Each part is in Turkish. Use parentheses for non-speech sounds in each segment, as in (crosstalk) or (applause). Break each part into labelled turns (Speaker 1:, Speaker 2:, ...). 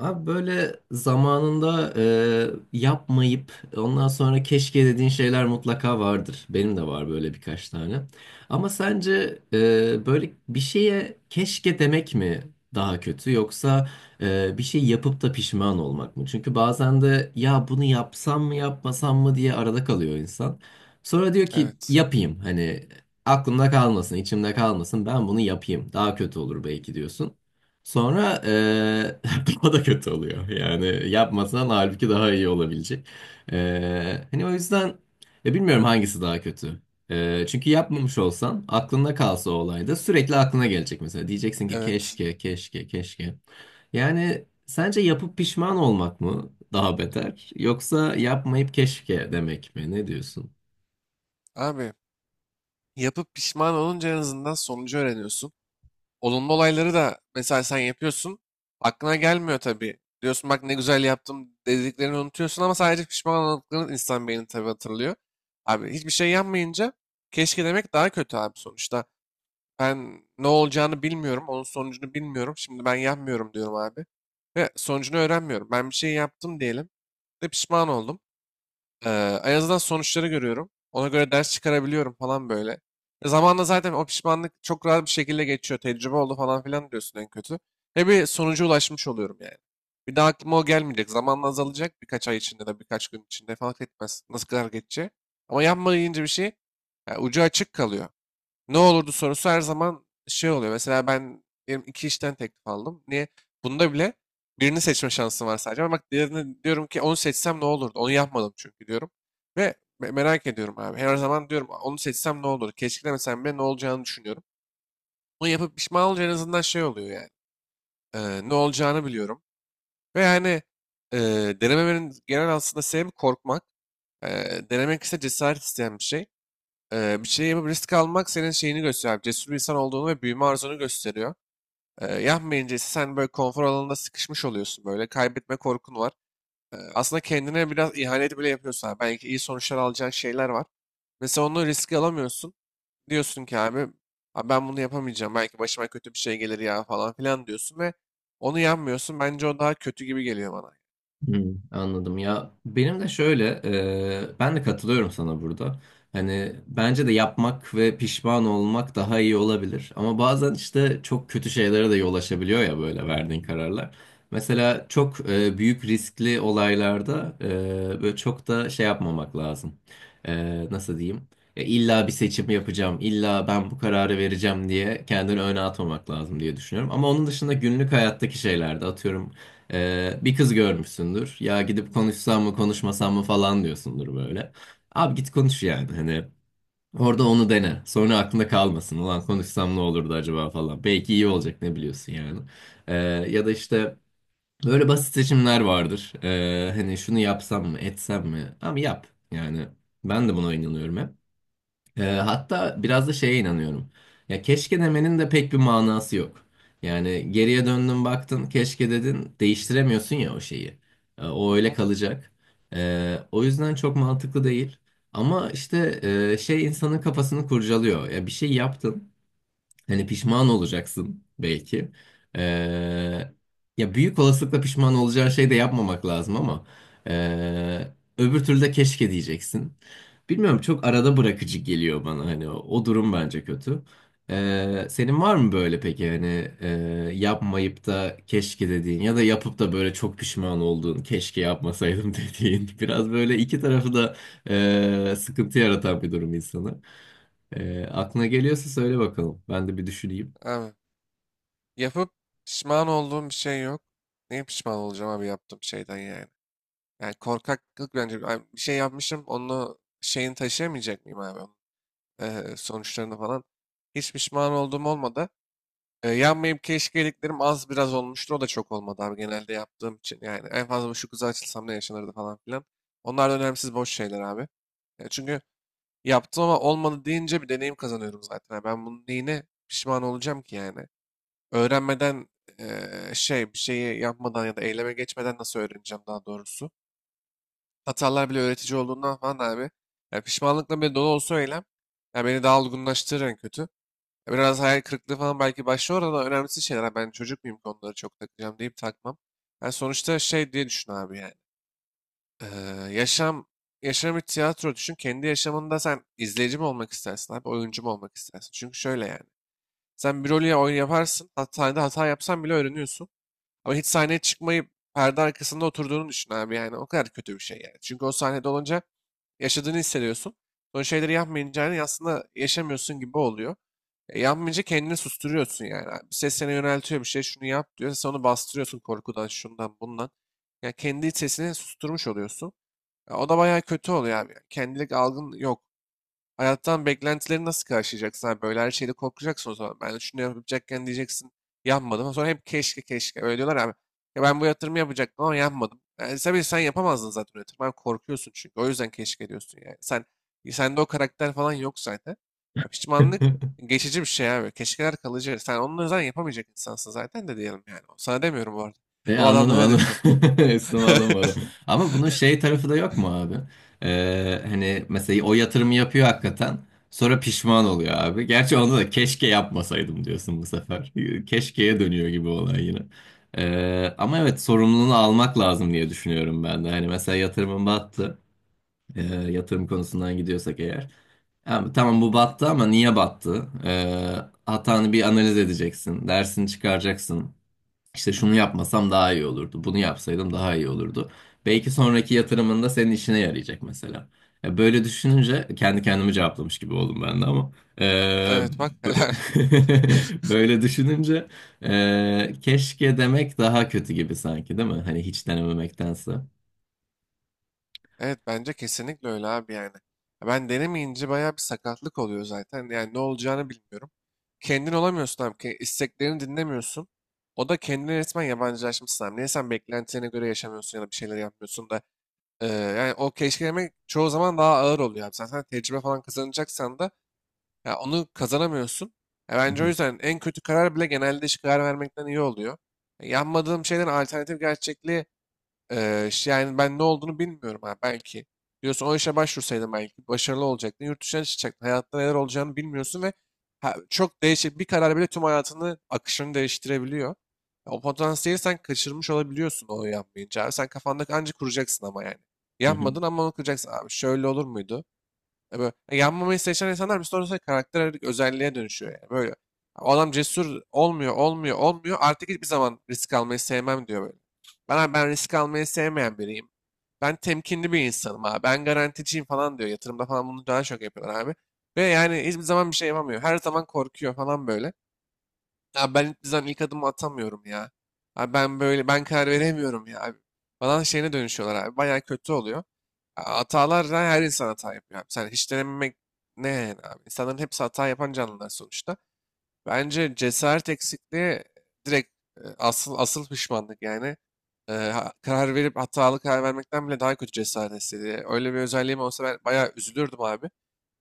Speaker 1: Abi böyle zamanında yapmayıp ondan sonra keşke dediğin şeyler mutlaka vardır. Benim de var böyle birkaç tane. Ama sence böyle bir şeye keşke demek mi daha kötü yoksa bir şey yapıp da pişman olmak mı? Çünkü bazen de ya bunu yapsam mı yapmasam mı diye arada kalıyor insan. Sonra diyor ki
Speaker 2: Evet.
Speaker 1: yapayım hani aklımda kalmasın, içimde kalmasın ben bunu yapayım. Daha kötü olur belki diyorsun. Sonra (laughs) daha da kötü oluyor. Yani yapmasan halbuki daha iyi olabilecek. Hani o yüzden ya bilmiyorum hangisi daha kötü. Çünkü yapmamış olsan aklında kalsa o olay da sürekli aklına gelecek mesela. Diyeceksin ki
Speaker 2: Evet.
Speaker 1: keşke, keşke, keşke. Yani sence yapıp pişman olmak mı daha beter yoksa yapmayıp keşke demek mi? Ne diyorsun?
Speaker 2: Abi yapıp pişman olunca en azından sonucu öğreniyorsun. Olumlu olayları da mesela sen yapıyorsun. Aklına gelmiyor tabii. Diyorsun bak ne güzel yaptım dediklerini unutuyorsun ama sadece pişman olduklarını insan beyni tabii hatırlıyor. Abi hiçbir şey yapmayınca keşke demek daha kötü abi sonuçta. Ben ne olacağını bilmiyorum. Onun sonucunu bilmiyorum. Şimdi ben yapmıyorum diyorum abi. Ve sonucunu öğrenmiyorum. Ben bir şey yaptım diyelim ve pişman oldum. Ee, En azından sonuçları görüyorum. Ona göre ders çıkarabiliyorum falan böyle. Zamanla zaten o pişmanlık çok rahat bir şekilde geçiyor. Tecrübe oldu falan filan diyorsun en kötü. Ve bir sonuca ulaşmış oluyorum yani. Bir daha aklıma o gelmeyecek. Zamanla azalacak birkaç ay içinde de birkaç gün içinde fark etmez. Nasıl kadar geçecek. Ama yapmayınca bir şey yani ucu açık kalıyor. Ne olurdu sorusu her zaman şey oluyor. Mesela ben diyelim iki işten teklif aldım. Niye? Bunda bile birini seçme şansım var sadece. Ama bak diğerini diyorum ki onu seçsem ne olurdu? Onu yapmadım çünkü diyorum. Ve merak ediyorum abi. Her zaman diyorum onu seçsem ne olur? Keşkelemesem bile ne olacağını düşünüyorum. Bunu yapıp pişman olunca en azından şey oluyor yani. Ne olacağını biliyorum. Ve yani e, denememenin genel aslında sebebi korkmak. Denemek ise cesaret isteyen bir şey. Bir şey yapıp risk almak senin şeyini gösteriyor. Cesur bir insan olduğunu ve büyüme arzunu gösteriyor. Yapmayınca ise sen böyle konfor alanında sıkışmış oluyorsun böyle. Kaybetme korkun var. Aslında kendine biraz ihanet bile yapıyorsun. Abi. Belki iyi sonuçlar alacağın şeyler var. Mesela onu riske alamıyorsun. Diyorsun ki abi, "Abi ben bunu yapamayacağım. Belki başıma kötü bir şey gelir ya falan filan diyorsun ve onu yapmıyorsun. Bence o daha kötü gibi geliyor bana.
Speaker 1: Hmm, anladım ya benim de şöyle ben de katılıyorum sana burada hani bence de yapmak ve pişman olmak daha iyi olabilir ama bazen işte çok kötü şeylere de yol açabiliyor ya böyle verdiğin kararlar mesela çok büyük riskli olaylarda böyle çok da şey yapmamak lazım. E, nasıl diyeyim, ya illa bir seçim yapacağım illa ben bu kararı vereceğim diye kendini öne atmamak lazım diye düşünüyorum ama onun dışında günlük hayattaki şeylerde atıyorum bir kız görmüşsündür. Ya gidip konuşsam mı konuşmasam mı falan diyorsundur böyle. Abi git konuş yani hani. Orada onu dene. Sonra aklında kalmasın. Ulan konuşsam ne olurdu acaba falan. Belki iyi olacak ne biliyorsun yani. Ee, ya da işte böyle basit seçimler vardır. Hani şunu yapsam mı etsem mi? Abi yap. Yani ben de buna inanıyorum hep. Hatta biraz da şeye inanıyorum. Ya keşke demenin de pek bir manası yok. Yani geriye döndün baktın keşke dedin değiştiremiyorsun ya o şeyi. O
Speaker 2: Hı
Speaker 1: öyle
Speaker 2: hı.
Speaker 1: kalacak. O yüzden çok mantıklı değil. Ama işte şey insanın kafasını kurcalıyor. Ya bir şey yaptın. Hani pişman olacaksın belki. Ee, ya büyük olasılıkla pişman olacağın şey de yapmamak lazım ama ee, öbür türlü de keşke diyeceksin. Bilmiyorum çok arada bırakıcı geliyor bana hani o durum bence kötü. Senin var mı böyle peki hani yapmayıp da keşke dediğin ya da yapıp da böyle çok pişman olduğun keşke yapmasaydım (laughs) dediğin biraz böyle iki tarafı da sıkıntı yaratan bir durum insana. E, aklına geliyorsa söyle bakalım. Ben de bir düşüneyim.
Speaker 2: Abi, yapıp pişman olduğum bir şey yok. Niye pişman olacağım abi yaptığım şeyden yani. Yani korkaklık bence. Ay, bir şey yapmışım, onu şeyini taşıyamayacak mıyım abi? Sonuçlarını falan. Hiç pişman olduğum olmadı. Yanmayıp keşke dediklerim az biraz olmuştur. O da çok olmadı abi genelde yaptığım için. Yani en fazla şu kıza açılsam ne yaşanırdı falan filan. Onlar da önemsiz boş şeyler abi. Ya çünkü yaptım ama olmadı deyince bir deneyim kazanıyorum zaten. Ha, ben bunun neyine pişman olacağım ki yani? Öğrenmeden şey bir şeyi yapmadan ya da eyleme geçmeden nasıl öğreneceğim daha doğrusu? Hatalar bile öğretici olduğundan falan abi. Ya pişmanlıkla bile dolu olsa o eylem. Ya beni daha olgunlaştırır en kötü. Ya biraz hayal kırıklığı falan belki başlıyor ama önemlisi şeyler. Ha Ben çocuk muyum ki onları çok takacağım deyip takmam. Yani sonuçta şey diye düşün abi yani. Ee, yaşam yaşam bir tiyatro düşün. Kendi yaşamında sen izleyici mi olmak istersin abi, oyuncu mu olmak istersin? Çünkü şöyle yani. Sen bir rolü ya oyun yaparsın, hatta hata yapsan bile öğreniyorsun. Ama hiç sahneye çıkmayıp perde arkasında oturduğunu düşün abi yani o kadar kötü bir şey yani. Çünkü o sahnede olunca yaşadığını hissediyorsun. O şeyleri yapmayınca yani aslında yaşamıyorsun gibi oluyor. Yapmayınca kendini susturuyorsun yani. Bir ses seni yöneltiyor bir şey şunu yap diyor. Sen onu bastırıyorsun korkudan şundan bundan. Ya kendi sesini susturmuş oluyorsun. Ya o da bayağı kötü oluyor abi. Yani kendilik algın yok. Hayattan beklentileri nasıl karşılayacaksın abi? Böyle her şeyde korkacaksın o zaman. Ben şunu yapacakken diyeceksin yapmadım. Sonra hep keşke keşke. Öyle diyorlar abi. Ya ben bu yatırımı yapacaktım ama yapmadım. Yani tabii sen yapamazdın zaten o yatırımı. Abi korkuyorsun çünkü. O yüzden keşke diyorsun yani. Sende o karakter falan yok zaten. Ya pişmanlık
Speaker 1: (laughs)
Speaker 2: geçici bir şey abi. Keşkeler kalıcı. Sen onun yüzden yapamayacak insansın zaten de diyelim yani. Sana demiyorum bu arada.
Speaker 1: E,
Speaker 2: O
Speaker 1: anladım
Speaker 2: adamlara
Speaker 1: anladım.
Speaker 2: diyorum.
Speaker 1: (laughs) Üstüme alınmadım.
Speaker 2: (laughs)
Speaker 1: Ama bunun şey tarafı da yok mu abi? E, hani mesela o yatırımı yapıyor hakikaten. Sonra pişman oluyor abi. Gerçi onda da keşke yapmasaydım diyorsun bu sefer. (laughs) Keşkeye dönüyor gibi olay yine. E, ama evet sorumluluğunu almak lazım diye düşünüyorum ben de. Hani mesela yatırımın battı. E, yatırım konusundan gidiyorsak eğer. Ya, tamam bu battı ama niye battı? Hatanı bir analiz edeceksin. Dersini çıkaracaksın. İşte şunu yapmasam daha iyi olurdu. Bunu yapsaydım daha iyi olurdu. Belki sonraki yatırımında senin işine yarayacak mesela. Ya, böyle düşününce kendi kendimi cevaplamış gibi oldum ben de ama. Ee,
Speaker 2: Evet bak
Speaker 1: bö-
Speaker 2: helal.
Speaker 1: (laughs) böyle düşününce keşke demek daha kötü gibi sanki değil mi? Hani hiç denememektense. Hı
Speaker 2: Evet bence kesinlikle öyle abi yani. Ya ben denemeyince bayağı bir sakatlık oluyor zaten. Yani ne olacağını bilmiyorum. Kendin olamıyorsun abi. İsteklerini dinlemiyorsun. O da kendine resmen yabancılaşmışsın abi. Niye sen beklentilerine göre yaşamıyorsun ya da bir şeyler yapmıyorsun da. Yani o keşkelemek çoğu zaman daha ağır oluyor abi. Zaten tecrübe falan kazanacaksan da ya onu kazanamıyorsun. Ya bence o
Speaker 1: hı,
Speaker 2: yüzden en kötü karar bile genelde hiç karar vermekten iyi oluyor. E, yanmadığım şeylerin alternatif gerçekliği yani ben ne olduğunu bilmiyorum ha belki. Diyorsun o işe başvursaydın belki başarılı olacaktın. Yurt dışına çıkacaktın. Hayatta neler olacağını bilmiyorsun ve çok değişik bir karar bile tüm hayatını akışını değiştirebiliyor. O potansiyeli sen kaçırmış olabiliyorsun o yanmayınca abi. Sen kafandaki ancak kuracaksın ama yani.
Speaker 1: hı hı.
Speaker 2: Yanmadın ama onu kuracaksın abi. Şöyle olur muydu? Yanmamayı seçen insanlar bir sonra karakter özelliğe dönüşüyor yani. Böyle. O adam cesur olmuyor, olmuyor, olmuyor. Artık hiçbir zaman risk almayı sevmem diyor böyle. Ben risk almayı sevmeyen biriyim. Ben temkinli bir insanım abi. Ben garanticiyim falan diyor. Yatırımda falan bunu daha çok yapıyorlar abi. Ve yani hiçbir zaman bir şey yapamıyor. Her zaman korkuyor falan böyle. Ya ben hiçbir zaman ilk adımı atamıyorum ya. Abi ben böyle ben karar veremiyorum ya abi. Falan şeyine dönüşüyorlar abi. Bayağı kötü oluyor. Hatalar da her insan hata yapıyor abi. Sen hiç denememek ne yani abi? İnsanların hepsi hata yapan canlılar sonuçta. Bence cesaret eksikliği direkt asıl pişmanlık yani. Karar verip hatalı karar vermekten bile daha kötü cesaret hissediyor. Öyle bir özelliğim olsa ben bayağı üzülürdüm abi.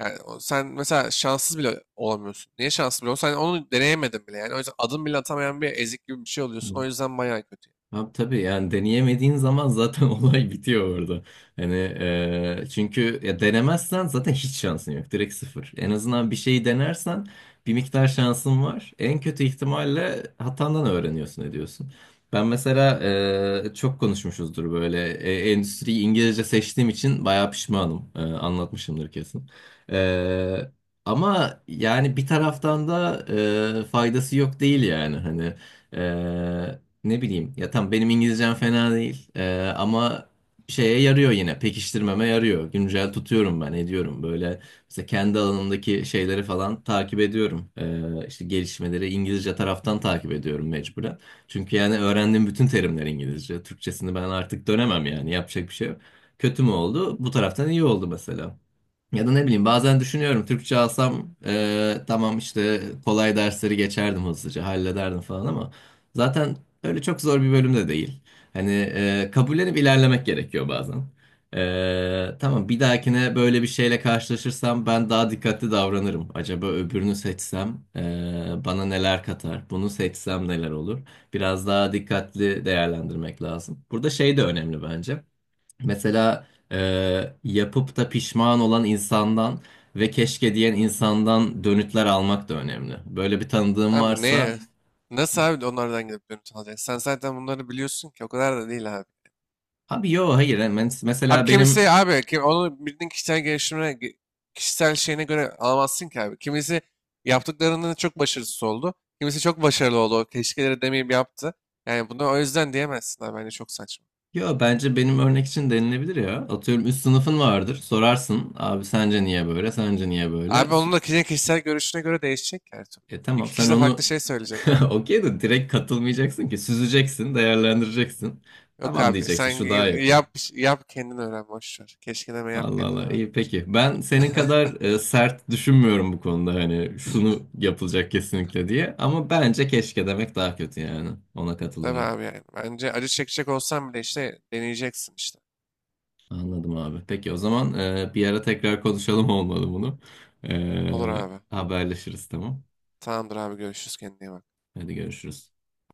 Speaker 2: Yani sen mesela şanssız bile olamıyorsun. Niye şanssız bile olamıyorsun? Sen onu deneyemedin bile yani. O yüzden adım bile atamayan bir ezik gibi bir şey oluyorsun.
Speaker 1: Hı.
Speaker 2: O yüzden bayağı kötü.
Speaker 1: Abi tabii yani deneyemediğin zaman zaten (laughs) olay bitiyor orada. Hani çünkü ya denemezsen zaten hiç şansın yok. Direkt sıfır. En azından bir şeyi denersen bir miktar şansın var. En kötü ihtimalle hatandan öğreniyorsun ediyorsun. Ben mesela çok konuşmuşuzdur böyle endüstriyi İngilizce seçtiğim için bayağı pişmanım. E, anlatmışımdır kesin. E, ama yani bir taraftan da faydası yok değil yani hani. Eee, ne bileyim ya tam benim İngilizcem fena değil. Ama şeye yarıyor yine, pekiştirmeme yarıyor. Güncel tutuyorum ben ediyorum böyle mesela kendi alanımdaki şeyleri falan takip ediyorum. İşte gelişmeleri İngilizce taraftan takip ediyorum mecburen. Çünkü yani öğrendiğim bütün terimler İngilizce. Türkçesini ben artık dönemem yani yapacak bir şey yok. Kötü mü oldu? Bu taraftan iyi oldu mesela. Ya da ne bileyim bazen düşünüyorum Türkçe alsam tamam işte kolay dersleri geçerdim hızlıca hallederdim falan ama zaten öyle çok zor bir bölüm de değil. Hani kabullenip ilerlemek gerekiyor bazen. E, tamam bir dahakine böyle bir şeyle karşılaşırsam ben daha dikkatli davranırım. Acaba öbürünü seçsem bana neler katar? Bunu seçsem neler olur? Biraz daha dikkatli değerlendirmek lazım. Burada şey de önemli bence. Mesela yapıp da pişman olan insandan ve keşke diyen insandan dönütler almak da önemli. Böyle bir tanıdığım
Speaker 2: Abi
Speaker 1: varsa
Speaker 2: neye? Nasıl abi onlardan gidip dönüp alacaksın? Sen zaten bunları biliyorsun ki o kadar da değil abi.
Speaker 1: abi. Yo, hayır, hemen
Speaker 2: Abi
Speaker 1: mesela
Speaker 2: kimisi
Speaker 1: benim,
Speaker 2: abi kim, onu bildiğin kişisel gelişimine kişisel şeyine göre alamazsın ki abi. Kimisi yaptıklarının çok başarısız oldu. Kimisi çok başarılı oldu. O keşkeleri demeyip yaptı. Yani bunu o yüzden diyemezsin abi. Bence çok saçma.
Speaker 1: yo, bence benim örnek için denilebilir ya. Atıyorum üst sınıfın vardır, sorarsın abi sence niye böyle, sence niye böyle.
Speaker 2: Abi
Speaker 1: S-
Speaker 2: onun da kişinin kişisel görüşüne göre değişecek ki her türlü.
Speaker 1: E tamam
Speaker 2: İki
Speaker 1: sen
Speaker 2: kişi de farklı
Speaker 1: onu
Speaker 2: şey söyleyecek
Speaker 1: (laughs)
Speaker 2: abi.
Speaker 1: okey de direkt katılmayacaksın ki, süzeceksin, değerlendireceksin.
Speaker 2: Yok
Speaker 1: Tamam
Speaker 2: abi
Speaker 1: diyeceksin
Speaker 2: sen
Speaker 1: şu daha yakın.
Speaker 2: yap yap kendin öğren boş ver. Keşke deme yap
Speaker 1: Allah
Speaker 2: kendin
Speaker 1: Allah,
Speaker 2: öğren.
Speaker 1: iyi peki. Ben senin
Speaker 2: (laughs)
Speaker 1: kadar sert düşünmüyorum bu konuda hani şunu yapılacak kesinlikle diye. Ama bence keşke demek daha kötü yani. Ona
Speaker 2: Tabii
Speaker 1: katılıyorum.
Speaker 2: abi yani. Bence acı çekecek olsan bile işte deneyeceksin işte.
Speaker 1: Anladım abi. Peki o zaman bir ara tekrar konuşalım olmalı bunu.
Speaker 2: Olur
Speaker 1: E,
Speaker 2: abi.
Speaker 1: haberleşiriz, tamam.
Speaker 2: Tamamdır abi görüşürüz kendine iyi bak.
Speaker 1: Hadi görüşürüz.